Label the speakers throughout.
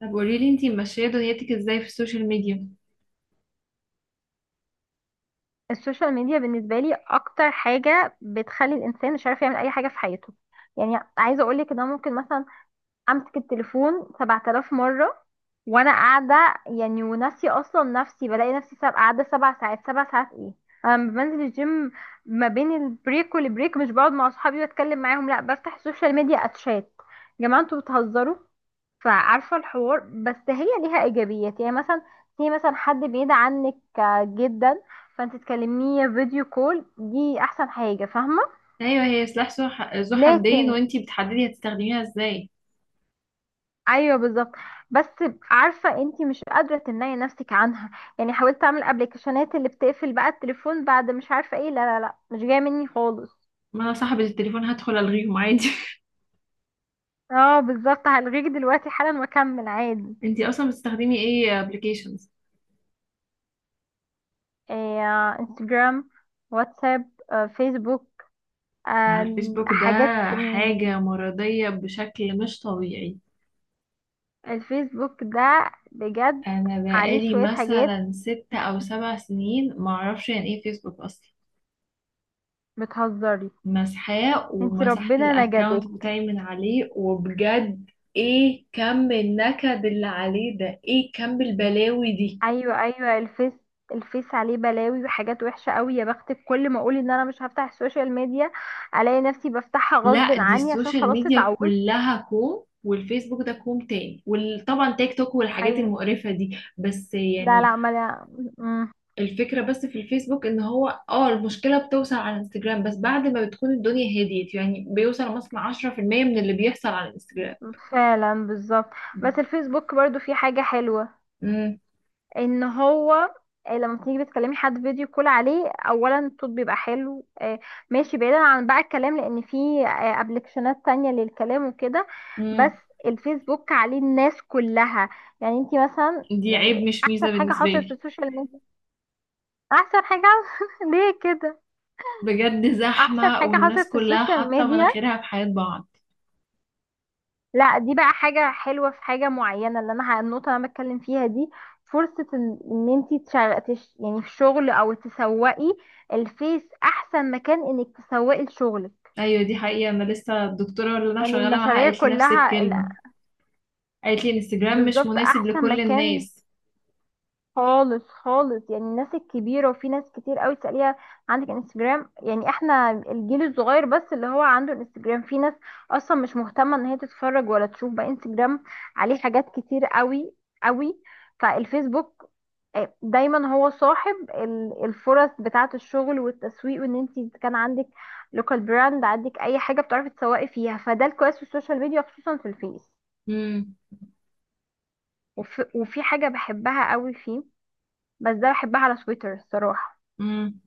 Speaker 1: طب قولي لي انتي ماشيه دنيتك ازاي في السوشيال ميديا؟
Speaker 2: السوشيال ميديا بالنسبة لي أكتر حاجة بتخلي الإنسان مش عارف يعمل أي حاجة في حياته. يعني عايزة أقولك إن أنا ممكن مثلا أمسك التليفون 7,000 مرة وأنا قاعدة، يعني وناسية أصلا نفسي. بلاقي نفسي قاعدة سبع ساعات. سبع ساعات إيه؟ أنا لما بنزل الجيم، ما بين البريك والبريك مش بقعد مع أصحابي وأتكلم معاهم، لأ بفتح السوشيال ميديا أتشات. يا جماعة أنتوا بتهزروا؟ فعارفة الحوار. بس هي ليها إيجابيات، يعني مثلا في مثلا حد بعيد عنك، جدا، فانت تكلميه فيديو كول. دي أحسن حاجة، فاهمة؟
Speaker 1: ايوه، هي سلاح ذو حدين،
Speaker 2: لكن
Speaker 1: وانتي بتحددي هتستخدميها ازاي.
Speaker 2: أيوه بالظبط. بس عارفة انت مش قادرة تمنعي نفسك عنها. يعني حاولت أعمل أبلكيشنات اللي بتقفل بقى التليفون، بعد مش عارفة ايه، لا لا لا مش جاية مني خالص.
Speaker 1: ما انا صاحبه التليفون، هدخل الغيهم عادي.
Speaker 2: اه بالظبط، هلغيك دلوقتي حالا وأكمل عادي.
Speaker 1: انتي اصلا بتستخدمي ايه ابلكيشنز؟
Speaker 2: إيه، انستجرام، واتساب، فيسبوك،
Speaker 1: على الفيسبوك ده
Speaker 2: حاجات.
Speaker 1: حاجه مرضيه بشكل مش طبيعي.
Speaker 2: الفيسبوك ده بجد
Speaker 1: انا
Speaker 2: عليه
Speaker 1: بقالي
Speaker 2: شوية حاجات.
Speaker 1: مثلا ست او سبع سنين ما اعرفش يعني ايه فيسبوك اصلا.
Speaker 2: بتهزري؟
Speaker 1: مسحاه
Speaker 2: انتي
Speaker 1: ومسحت
Speaker 2: ربنا نجدك.
Speaker 1: الاكونت بتاعي من عليه، وبجد ايه كم النكد اللي عليه ده، ايه كم البلاوي دي.
Speaker 2: ايوه ايوه، الفيس، الفيس عليه بلاوي وحاجات وحشة قوي. يا بختك، كل ما اقول ان انا مش هفتح السوشيال ميديا الاقي نفسي بفتحها غصب
Speaker 1: لا، دي
Speaker 2: عني، عشان
Speaker 1: السوشيال
Speaker 2: خلاص
Speaker 1: ميديا
Speaker 2: اتعودت.
Speaker 1: كلها كوم والفيسبوك ده كوم تاني، وطبعا تيك توك والحاجات
Speaker 2: ايوه.
Speaker 1: المقرفة دي، بس
Speaker 2: لا
Speaker 1: يعني
Speaker 2: لا ما لا. مم.
Speaker 1: الفكرة بس في الفيسبوك ان هو اه، المشكلة بتوصل على الانستجرام بس بعد ما بتكون الدنيا هديت، يعني بيوصل مثلا 10% من اللي بيحصل على الانستجرام.
Speaker 2: فعلا بالظبط. بس الفيسبوك برضو فيه حاجة حلوة.
Speaker 1: امم.
Speaker 2: ان هو لما تيجي بتكلمي حد فيديو كول عليه اولا الصوت بيبقى حلو، ماشي. بعيدا عن بقى الكلام، لان في ابلكيشنات تانية للكلام وكده.
Speaker 1: امم.
Speaker 2: بس الفيسبوك عليه الناس كلها. يعني انتي مثلا،
Speaker 1: دي عيب
Speaker 2: يعني
Speaker 1: مش ميزة
Speaker 2: احسن حاجة
Speaker 1: بالنسبة
Speaker 2: حصلت في
Speaker 1: لي.
Speaker 2: السوشيال ميديا. احسن حاجة ليه كده؟
Speaker 1: بجد
Speaker 2: احسن
Speaker 1: زحمة
Speaker 2: حاجة
Speaker 1: والناس
Speaker 2: حصلت في
Speaker 1: كلها
Speaker 2: السوشيال
Speaker 1: حاطة
Speaker 2: ميديا.
Speaker 1: مناخيرها في حياة بعض.
Speaker 2: لا دي بقى حاجة حلوة في حاجة معينة. اللي انا النقطة اللي انا بتكلم فيها دي، فرصة ان انتي يعني في الشغل او تسوقي. الفيس احسن مكان انك تسوقي لشغلك.
Speaker 1: ايوه، دي حقيقة. انا لسه الدكتورة اللي انا
Speaker 2: يعني
Speaker 1: شغالة معاها
Speaker 2: المشاريع
Speaker 1: قالت لي نفس
Speaker 2: كلها، لا،
Speaker 1: الكلمة. قالت لي الانستجرام مش
Speaker 2: بالظبط
Speaker 1: مناسب
Speaker 2: احسن
Speaker 1: لكل
Speaker 2: مكان
Speaker 1: الناس.
Speaker 2: خالص خالص. يعني الناس الكبيرة، وفي ناس كتير قوي تسأليها عندك انستجرام؟ يعني احنا الجيل الصغير بس اللي هو عنده انستجرام، في ناس اصلا مش مهتمة ان هي تتفرج ولا تشوف بقى انستجرام. عليه حاجات كتير قوي قوي. فالفيسبوك دايما هو صاحب الفرص بتاعة الشغل والتسويق، وان انت كان عندك لوكال براند، عندك اي حاجة بتعرفي تسوقي فيها، فده الكويس في السوشيال ميديا، خصوصا في الفيس.
Speaker 1: امم.
Speaker 2: وفي حاجة بحبها قوي فيه. بس ده بحبها على تويتر الصراحة.
Speaker 1: امم.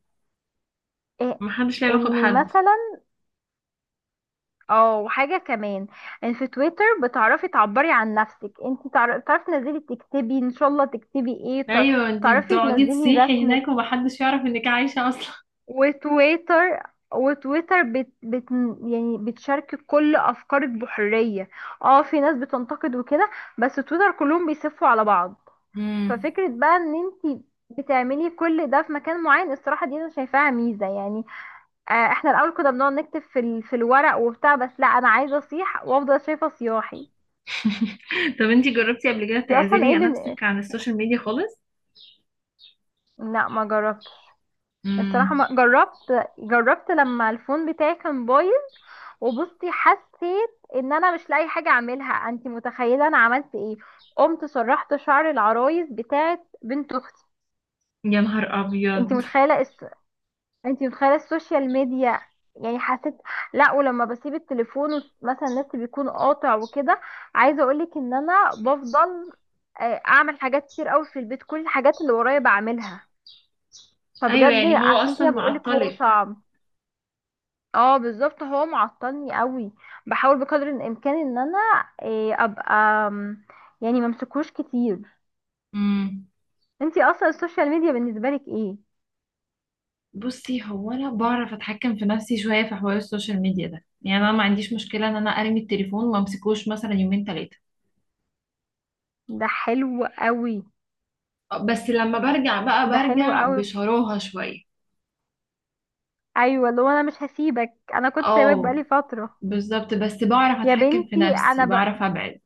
Speaker 2: إيه
Speaker 1: محدش ليه علاقة
Speaker 2: اني
Speaker 1: بحد.
Speaker 2: مثلا اه. وحاجة كمان، ان في تويتر بتعرفي تعبري عن نفسك، انت تعرفي تنزلي تكتبي ان شاء الله تكتبي ايه،
Speaker 1: ايوه، انتي
Speaker 2: تعرفي
Speaker 1: بتقعدي
Speaker 2: تنزلي
Speaker 1: تصيحي
Speaker 2: رسمك.
Speaker 1: هناك ومحدش يعرف انك عايشة اصلا.
Speaker 2: وتويتر، وتويتر بت يعني بتشارك كل افكارك بحرية. اه في ناس بتنتقد وكده، بس تويتر كلهم بيسفوا على بعض.
Speaker 1: امم.
Speaker 2: ففكرة بقى ان انتي بتعملي كل ده في مكان معين، الصراحة دي انا شايفاها ميزة، يعني آه. احنا الاول كنا بنقعد نكتب في في الورق وبتاع، بس لا، انا عايزة اصيح وافضل شايفة صياحي.
Speaker 1: طب انتي جربتي قبل كده
Speaker 2: انتي اصلا
Speaker 1: تعزلي
Speaker 2: ايه
Speaker 1: نفسك عن السوشيال ميديا خالص؟
Speaker 2: لا ما جربتش الصراحة.
Speaker 1: امم.
Speaker 2: ما جربت. جربت لما الفون بتاعي كان بايظ، وبصي حسيت ان انا مش لاقي حاجه اعملها. انت متخيله انا عملت ايه؟ قمت سرحت شعر العرايس بتاعت بنت اختي.
Speaker 1: يا نهار
Speaker 2: انت
Speaker 1: ابيض.
Speaker 2: متخيله انت متخيله السوشيال ميديا. يعني حسيت، لا. ولما بسيب التليفون مثلا النت بيكون قاطع وكده، عايزه اقولك ان انا بفضل، اعمل حاجات كتير قوي في البيت، كل الحاجات اللي ورايا بعملها.
Speaker 1: ايوه
Speaker 2: فبجد
Speaker 1: يعني هو
Speaker 2: عشان كده
Speaker 1: اصلا
Speaker 2: بقولك هو
Speaker 1: معطلك.
Speaker 2: صعب. اه بالظبط، هو معطلني قوي. بحاول بقدر الامكان ان انا إيه ابقى أم، يعني ممسكوش كتير.
Speaker 1: امم.
Speaker 2: انتي اصلا السوشيال ميديا بالنسبه لك ايه؟
Speaker 1: بصي، هو انا بعرف اتحكم في نفسي شويه في حوار السوشيال ميديا ده، يعني انا ما عنديش مشكله ان انا ارمي التليفون وما امسكوش مثلا يومين ثلاثه.
Speaker 2: ده حلو قوي.
Speaker 1: بس لما برجع بقى
Speaker 2: ده حلو
Speaker 1: برجع
Speaker 2: قوي.
Speaker 1: بشراهه شويه.
Speaker 2: ايوه، اللي هو انا مش هسيبك، انا كنت سايبك
Speaker 1: اه،
Speaker 2: بقالي فتره.
Speaker 1: بالظبط. بس بعرف
Speaker 2: يا
Speaker 1: اتحكم في
Speaker 2: بنتي
Speaker 1: نفسي،
Speaker 2: انا
Speaker 1: بعرف ابعد.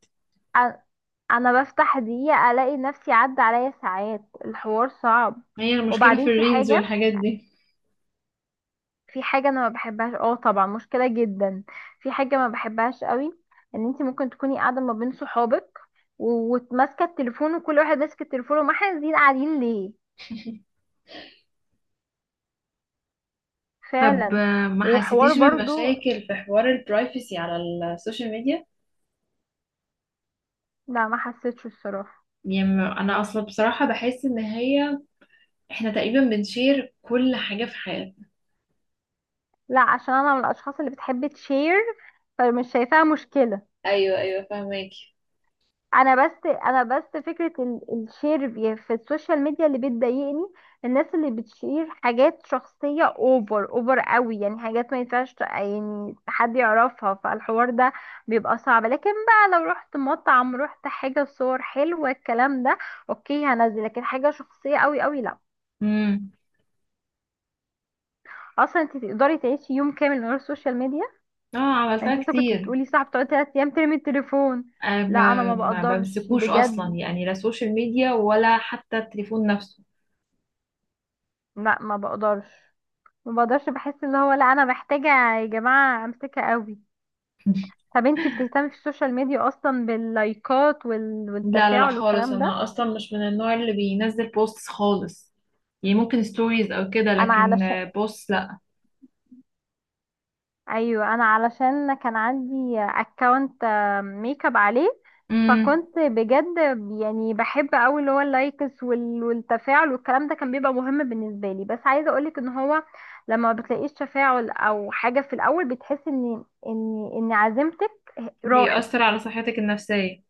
Speaker 2: أ- انا بفتح دقيقه الاقي نفسي عدى عليا ساعات. الحوار صعب.
Speaker 1: هي المشكلة في
Speaker 2: وبعدين في
Speaker 1: الريلز
Speaker 2: حاجه،
Speaker 1: والحاجات دي.
Speaker 2: في حاجة انا ما بحبهاش، اه طبعا مشكلة جدا. في حاجة ما بحبهاش قوي، ان انت ممكن تكوني قاعدة ما بين صحابك وماسكة التليفون، وكل واحد ماسك التليفون، وما احنا قاعدين قاعدين ليه؟
Speaker 1: طب
Speaker 2: فعلا.
Speaker 1: ما
Speaker 2: وحوار
Speaker 1: حسيتيش
Speaker 2: برضو.
Speaker 1: بمشاكل في حوار البرايفسي على السوشيال ميديا؟
Speaker 2: لا ما حسيتش الصراحة.
Speaker 1: يعني انا اصلا بصراحة بحس ان هي احنا تقريبا بنشير كل حاجة في حياتنا.
Speaker 2: لا عشان انا من الاشخاص اللي بتحب تشير، فمش شايفاها مشكلة.
Speaker 1: ايوه، ايوه، فاهماكي.
Speaker 2: انا بس، انا بس فكره الشير في السوشيال ميديا اللي بتضايقني. الناس اللي بتشير حاجات شخصيه اوفر اوفر قوي، يعني حاجات ما ينفعش يعني حد يعرفها، فالحوار ده بيبقى صعب. لكن بقى لو رحت مطعم، رحت حاجه، صور حلوه الكلام ده، اوكي هنزل. لكن حاجه شخصيه قوي قوي، لا.
Speaker 1: امم.
Speaker 2: اصلا انت تقدري تعيشي يوم كامل من غير السوشيال ميديا؟
Speaker 1: اه، عملتها
Speaker 2: انت لسه كنت
Speaker 1: كتير.
Speaker 2: بتقولي صح بتقعدي 3 ايام ترمي التليفون.
Speaker 1: أنا
Speaker 2: لا انا
Speaker 1: ما
Speaker 2: ما
Speaker 1: ما
Speaker 2: بقدرش
Speaker 1: بمسكوش اصلا،
Speaker 2: بجد.
Speaker 1: يعني لا سوشيال ميديا ولا حتى التليفون نفسه.
Speaker 2: لا ما بقدرش. ما بقدرش، بحس ان هو، لا انا محتاجة. يا جماعة امسكها قوي. طب انتي بتهتمي في السوشيال ميديا اصلا باللايكات
Speaker 1: لا لا لا،
Speaker 2: والتفاعل
Speaker 1: خالص.
Speaker 2: والكلام
Speaker 1: انا
Speaker 2: ده؟
Speaker 1: اصلا مش من النوع اللي بينزل بوستس خالص، يعني ممكن ستوريز او كده،
Speaker 2: انا
Speaker 1: لكن
Speaker 2: علشان،
Speaker 1: بوست لا.
Speaker 2: ايوه انا علشان كان عندي اكونت ميك اب عليه،
Speaker 1: امم.
Speaker 2: فكنت بجد يعني بحب قوي اللي هو اللايكس والتفاعل والكلام ده كان بيبقى مهم بالنسبة لي. بس عايزة اقولك ان هو لما ما بتلاقيش تفاعل او حاجة في الاول، بتحس ان عزيمتك راحت.
Speaker 1: بيأثر على صحتك النفسية.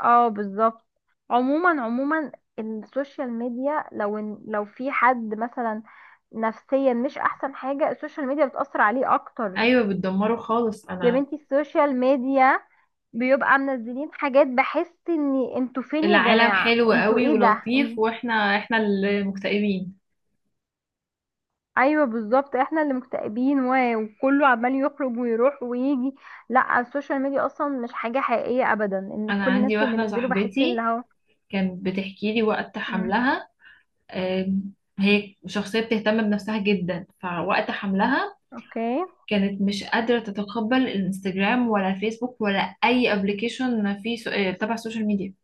Speaker 2: اه بالظبط. عموما عموما السوشيال ميديا، لو إن لو في حد مثلا نفسيا مش احسن حاجة، السوشيال ميديا بتأثر عليه اكتر.
Speaker 1: ايوه، بتدمره خالص.
Speaker 2: يا
Speaker 1: انا
Speaker 2: بنتي السوشيال ميديا، بيبقى منزلين حاجات، بحس ان انتوا فين يا
Speaker 1: العالم
Speaker 2: جماعة،
Speaker 1: حلو
Speaker 2: انتوا
Speaker 1: قوي
Speaker 2: ايه ده
Speaker 1: ولطيف، واحنا احنا اللي مكتئبين.
Speaker 2: ايوه بالظبط، احنا اللي مكتئبين وكله عمال يخرج ويروح ويجي. لا السوشيال ميديا اصلا مش حاجة حقيقية ابدا، ان
Speaker 1: انا
Speaker 2: كل الناس
Speaker 1: عندي
Speaker 2: اللي
Speaker 1: واحدة
Speaker 2: بينزلوا بحس اللي
Speaker 1: صاحبتي
Speaker 2: هو.
Speaker 1: كانت بتحكي لي وقت
Speaker 2: امم.
Speaker 1: حملها. آم، هي شخصية بتهتم بنفسها جدا، فوقت حملها
Speaker 2: اوكي.
Speaker 1: كانت مش قادرة تتقبل الانستجرام ولا فيسبوك ولا أي ابلكيشن في سو... آه، تبع السوشيال ميديا.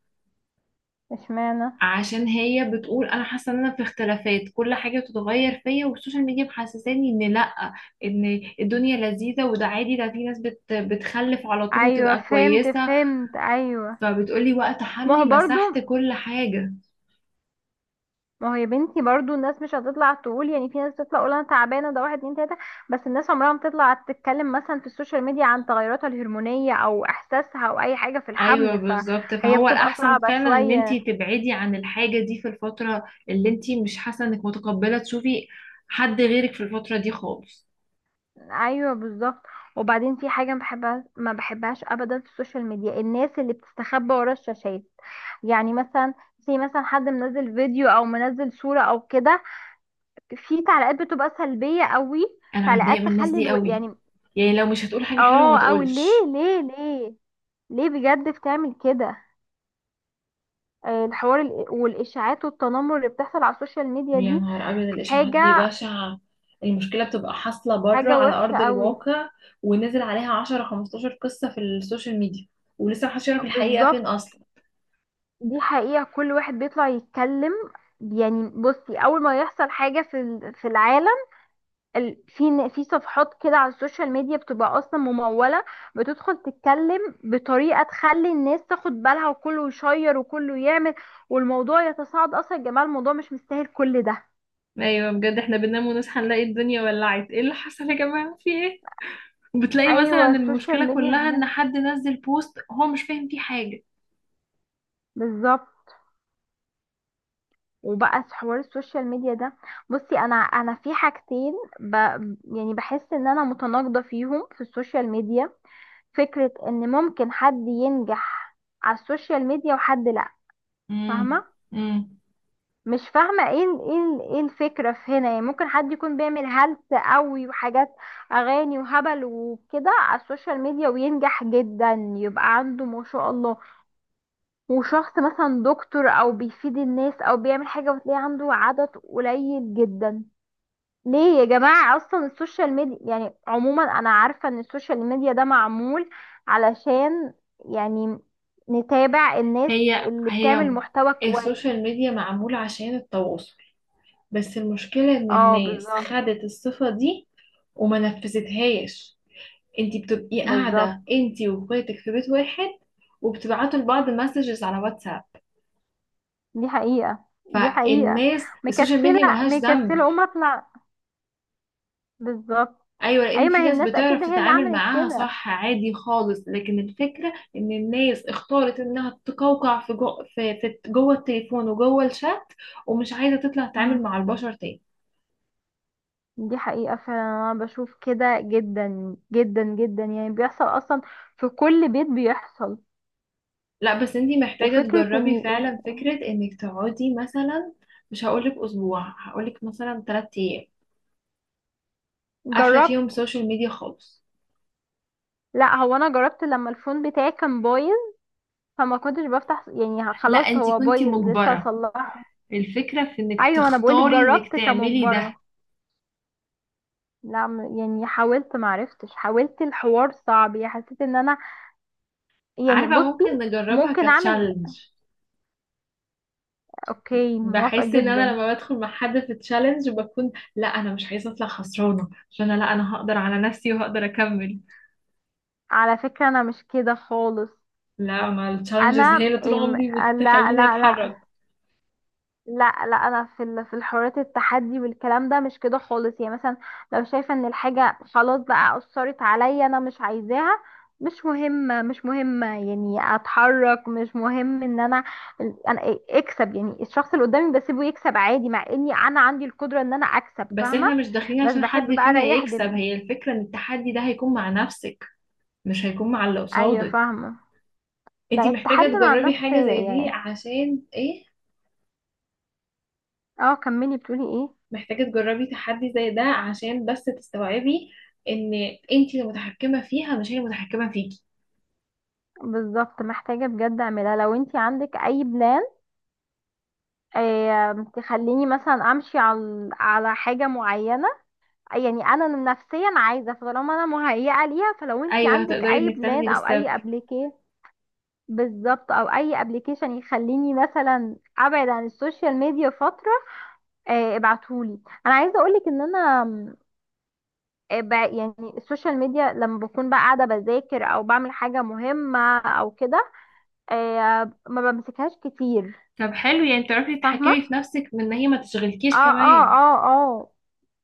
Speaker 2: اشمعنى؟
Speaker 1: عشان هي بتقول أنا حاسة إن أنا في اختلافات، كل حاجة بتتغير فيا، والسوشيال ميديا محسساني إن لأ، إن الدنيا لذيذة وده عادي، ده في ناس بتخلف على طول
Speaker 2: ايوه
Speaker 1: وتبقى
Speaker 2: فهمت،
Speaker 1: كويسة.
Speaker 2: فهمت ايوه.
Speaker 1: فبتقولي وقت
Speaker 2: ما هو
Speaker 1: حملي
Speaker 2: برضو،
Speaker 1: مسحت كل حاجة.
Speaker 2: ما هو يا بنتي برضو الناس مش هتطلع تقول. يعني في ناس بتطلع تقول انا تعبانه ده، واحد اتنين تلاته، بس الناس عمرها ما بتطلع تتكلم مثلا في السوشيال ميديا عن تغيراتها الهرمونيه او احساسها او اي حاجه في
Speaker 1: ايوه
Speaker 2: الحمل،
Speaker 1: بالظبط،
Speaker 2: فهي
Speaker 1: فهو
Speaker 2: بتبقى
Speaker 1: الاحسن
Speaker 2: صعبه
Speaker 1: فعلا ان انتي
Speaker 2: شويه.
Speaker 1: تبعدي عن الحاجه دي في الفتره اللي انتي مش حاسه انك متقبله تشوفي حد غيرك في الفتره دي خالص.
Speaker 2: ايوه بالظبط. وبعدين في حاجه ما بحبها، ما بحبهاش ابدا في السوشيال ميديا، الناس اللي بتستخبى ورا الشاشات. يعني مثلا في مثلا حد منزل فيديو او منزل صوره او كده، في تعليقات بتبقى سلبية قوي،
Speaker 1: انا بتضايق
Speaker 2: تعليقات
Speaker 1: من الناس
Speaker 2: تخلي
Speaker 1: دي قوي.
Speaker 2: يعني
Speaker 1: يعني لو مش هتقول حاجه حلوه ما
Speaker 2: اه. او ليه
Speaker 1: تقولش.
Speaker 2: ليه ليه، ليه بجد بتعمل كده؟ الحوار والاشاعات والتنمر اللي بتحصل على السوشيال ميديا
Speaker 1: يا
Speaker 2: دي
Speaker 1: نهار أبيض، الإشاعات دي
Speaker 2: حاجة،
Speaker 1: بشعة. المشكلة بتبقى حاصلة بره
Speaker 2: حاجة
Speaker 1: على
Speaker 2: وحشة
Speaker 1: أرض
Speaker 2: قوي.
Speaker 1: الواقع، ونزل عليها عشرة خمستاشر قصة في السوشيال ميديا، ولسه محدش يعرف الحقيقة
Speaker 2: بالظبط.
Speaker 1: فين أصلا.
Speaker 2: دي حقيقة، كل واحد بيطلع يتكلم. يعني بصي اول ما يحصل حاجة في في العالم، في في صفحات كده على السوشيال ميديا بتبقى اصلا ممولة، بتدخل تتكلم بطريقة تخلي الناس تاخد بالها، وكله يشير وكله يعمل، والموضوع يتصاعد. اصلا يا جماعة الموضوع مش مستاهل كل ده.
Speaker 1: ايوه بجد، احنا بننام ونصحى نلاقي الدنيا ولعت، ايه اللي حصل يا جماعه، في ايه؟ وبتلاقي مثلا
Speaker 2: ايوه السوشيال
Speaker 1: المشكلة
Speaker 2: ميديا
Speaker 1: كلها
Speaker 2: بجد.
Speaker 1: ان حد نزل بوست هو مش فاهم فيه حاجة.
Speaker 2: بالظبط. وبقى في حوار السوشيال ميديا ده، بصي انا في حاجتين ب... يعني بحس ان انا متناقضة فيهم في السوشيال ميديا. فكرة ان ممكن حد ينجح على السوشيال ميديا وحد لا.
Speaker 1: امم.
Speaker 2: فاهمة؟
Speaker 1: امم.
Speaker 2: مش فاهمة ايه ايه ايه الفكرة في هنا. يعني ممكن حد يكون بيعمل هلس قوي وحاجات، اغاني وهبل وكده على السوشيال ميديا وينجح جدا، يبقى عنده ما شاء الله. وشخص مثلا دكتور او بيفيد الناس او بيعمل حاجة، وتلاقي عنده عدد قليل جدا. ليه يا جماعة؟ اصلا السوشيال ميديا يعني عموما، انا عارفة ان السوشيال ميديا ده معمول علشان يعني نتابع الناس
Speaker 1: هي
Speaker 2: اللي
Speaker 1: هي
Speaker 2: بتعمل محتوى كويس.
Speaker 1: السوشيال ميديا معمولة عشان التواصل، بس المشكلة ان
Speaker 2: اه
Speaker 1: الناس
Speaker 2: بالظبط.
Speaker 1: خدت الصفة دي وما نفذتهاش. انتي بتبقي قاعدة
Speaker 2: بالظبط،
Speaker 1: انتي واخواتك في بيت واحد وبتبعتوا لبعض مسجز على واتساب.
Speaker 2: دي حقيقة، دي حقيقة.
Speaker 1: فالناس السوشيال ميديا
Speaker 2: مكسلة
Speaker 1: ملهاش
Speaker 2: مكسلة
Speaker 1: ذنب.
Speaker 2: قوم اطلع. بالظبط.
Speaker 1: ايوه،
Speaker 2: اي
Speaker 1: لان في
Speaker 2: ما هي
Speaker 1: ناس
Speaker 2: الناس اكيد
Speaker 1: بتعرف
Speaker 2: هي اللي
Speaker 1: تتعامل
Speaker 2: عملت
Speaker 1: معاها
Speaker 2: كده.
Speaker 1: صح عادي خالص، لكن الفكره ان الناس اختارت انها تقوقع في جو، في جوه التليفون وجوه الشات، ومش عايزه تطلع
Speaker 2: مم.
Speaker 1: تتعامل مع البشر تاني.
Speaker 2: دي حقيقة فعلا. انا بشوف كده جدا جدا جدا، يعني بيحصل اصلا، في كل بيت بيحصل.
Speaker 1: لا بس انتي محتاجه
Speaker 2: وفكرة
Speaker 1: تجربي
Speaker 2: اني
Speaker 1: فعلا فكره انك تقعدي مثلا، مش هقولك اسبوع، هقولك مثلا 3 ايام قافله فيهم
Speaker 2: جربت.
Speaker 1: سوشيال ميديا خالص.
Speaker 2: لا هو انا جربت لما الفون بتاعي كان بايظ، فما كنتش بفتح. يعني
Speaker 1: لا،
Speaker 2: خلاص
Speaker 1: انت
Speaker 2: هو
Speaker 1: كنتي
Speaker 2: بايظ لسه
Speaker 1: مجبرة.
Speaker 2: اصلحه.
Speaker 1: الفكرة في انك
Speaker 2: ايوه انا بقولك
Speaker 1: تختاري انك
Speaker 2: جربت
Speaker 1: تعملي ده.
Speaker 2: كمجبرة. لا يعني حاولت، معرفتش. حاولت، الحوار صعب. يعني حسيت ان انا، يعني
Speaker 1: عارفه
Speaker 2: بصي
Speaker 1: ممكن نجربها
Speaker 2: ممكن اعمل،
Speaker 1: كتشالنج؟
Speaker 2: اوكي موافقة
Speaker 1: بحس ان انا
Speaker 2: جدا.
Speaker 1: لما بدخل مع حد في تشالنج بكون لا، انا مش عايزه اطلع خسرانه، عشان انا لا، انا هقدر على نفسي وهقدر اكمل.
Speaker 2: على فكرة انا مش كده خالص.
Speaker 1: لا، ما التشالنجز هي
Speaker 2: انا
Speaker 1: اللي طول عمري
Speaker 2: لا.
Speaker 1: بتخليني
Speaker 2: لا لا.
Speaker 1: اتحرك.
Speaker 2: لا لا انا في في الحريات، التحدي والكلام ده مش كده خالص. يعني مثلا لو شايفة ان الحاجة خلاص بقى اثرت عليا، انا مش عايزاها. مش مهمة، مش مهمة، يعني اتحرك، مش مهم ان انا اكسب. يعني الشخص اللي قدامي بسيبه يكسب عادي، مع اني انا عندي القدرة ان انا اكسب،
Speaker 1: بس
Speaker 2: فاهمة؟
Speaker 1: احنا مش داخلين
Speaker 2: بس
Speaker 1: عشان حد
Speaker 2: بحب بقى
Speaker 1: فينا
Speaker 2: اريح
Speaker 1: يكسب،
Speaker 2: دماغي.
Speaker 1: هي الفكره ان التحدي ده هيكون مع نفسك، مش هيكون مع اللي
Speaker 2: ايوه
Speaker 1: قصادك.
Speaker 2: فاهمه. لا
Speaker 1: انتي محتاجه
Speaker 2: التحدي مع
Speaker 1: تجربي
Speaker 2: النفس
Speaker 1: حاجه زي دي
Speaker 2: يعني.
Speaker 1: عشان ايه؟
Speaker 2: اه كملي، بتقولي ايه.
Speaker 1: محتاجه تجربي تحدي زي ده عشان بس تستوعبي ان انتي المتحكمه فيها مش هي المتحكمه فيكي.
Speaker 2: بالظبط محتاجة بجد اعملها. لو انتي عندك اي بلان، تخليني مثلا امشي على على حاجة معينة، يعني انا نفسيا عايزة. فطالما انا مهيئة ليها، فلو انتي
Speaker 1: ايوه،
Speaker 2: عندك
Speaker 1: هتقدري
Speaker 2: اي
Speaker 1: انك
Speaker 2: بلان
Speaker 1: تاخدي
Speaker 2: او
Speaker 1: الستبس.
Speaker 2: اي ابليكي، بالظبط، او اي ابليكيشن يخليني مثلا ابعد عن السوشيال ميديا فترة، ابعتهولي. انا عايزة اقولك ان انا يعني السوشيال ميديا لما بكون بقى قاعدة بذاكر أو بعمل حاجة مهمة أو كده، ما بمسكهاش كتير،
Speaker 1: طب حلو، يعني تعرفي
Speaker 2: فاهمة؟
Speaker 1: تتحكمي في نفسك من ان هي ما
Speaker 2: اه
Speaker 1: تشغلكيش
Speaker 2: اه
Speaker 1: كمان.
Speaker 2: اه اه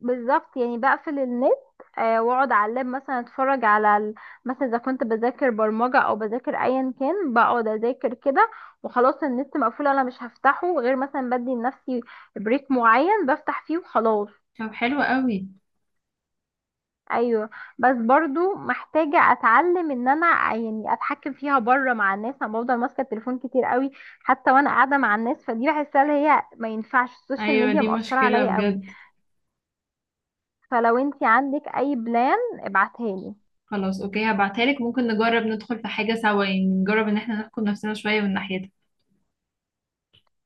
Speaker 2: بالظبط. يعني بقفل النت، واقعد على اللاب مثلا اتفرج على مثلا اذا كنت بذاكر برمجة او بذاكر ايا كان، بقعد اذاكر كده، وخلاص النت مقفول، انا مش هفتحه غير مثلا بدي لنفسي بريك معين بفتح فيه وخلاص.
Speaker 1: طب حلو قوي.
Speaker 2: ايوه. بس برضو محتاجه اتعلم ان انا يعني اتحكم فيها بره مع الناس. انا بفضل ماسكه التليفون كتير قوي حتى وانا قاعده مع الناس، فدي بحسها اللي هي ما ينفعش، السوشيال
Speaker 1: ايوه،
Speaker 2: ميديا
Speaker 1: دي
Speaker 2: مأثره
Speaker 1: مشكلة
Speaker 2: عليا قوي.
Speaker 1: بجد.
Speaker 2: فلو انتي عندك اي بلان ابعتها لي.
Speaker 1: خلاص، اوكي، هبعتها لك. ممكن نجرب ندخل في حاجة سوا، يعني نجرب ان احنا نحكم نفسنا شوية من ناحيتها.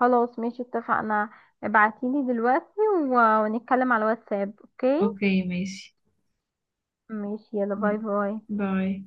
Speaker 2: خلاص ماشي اتفقنا. ابعتيلي دلوقتي ونتكلم على الواتساب. اوكي
Speaker 1: اوكي ماشي.
Speaker 2: ماشي. يلا
Speaker 1: مم.
Speaker 2: باي باي.
Speaker 1: باي.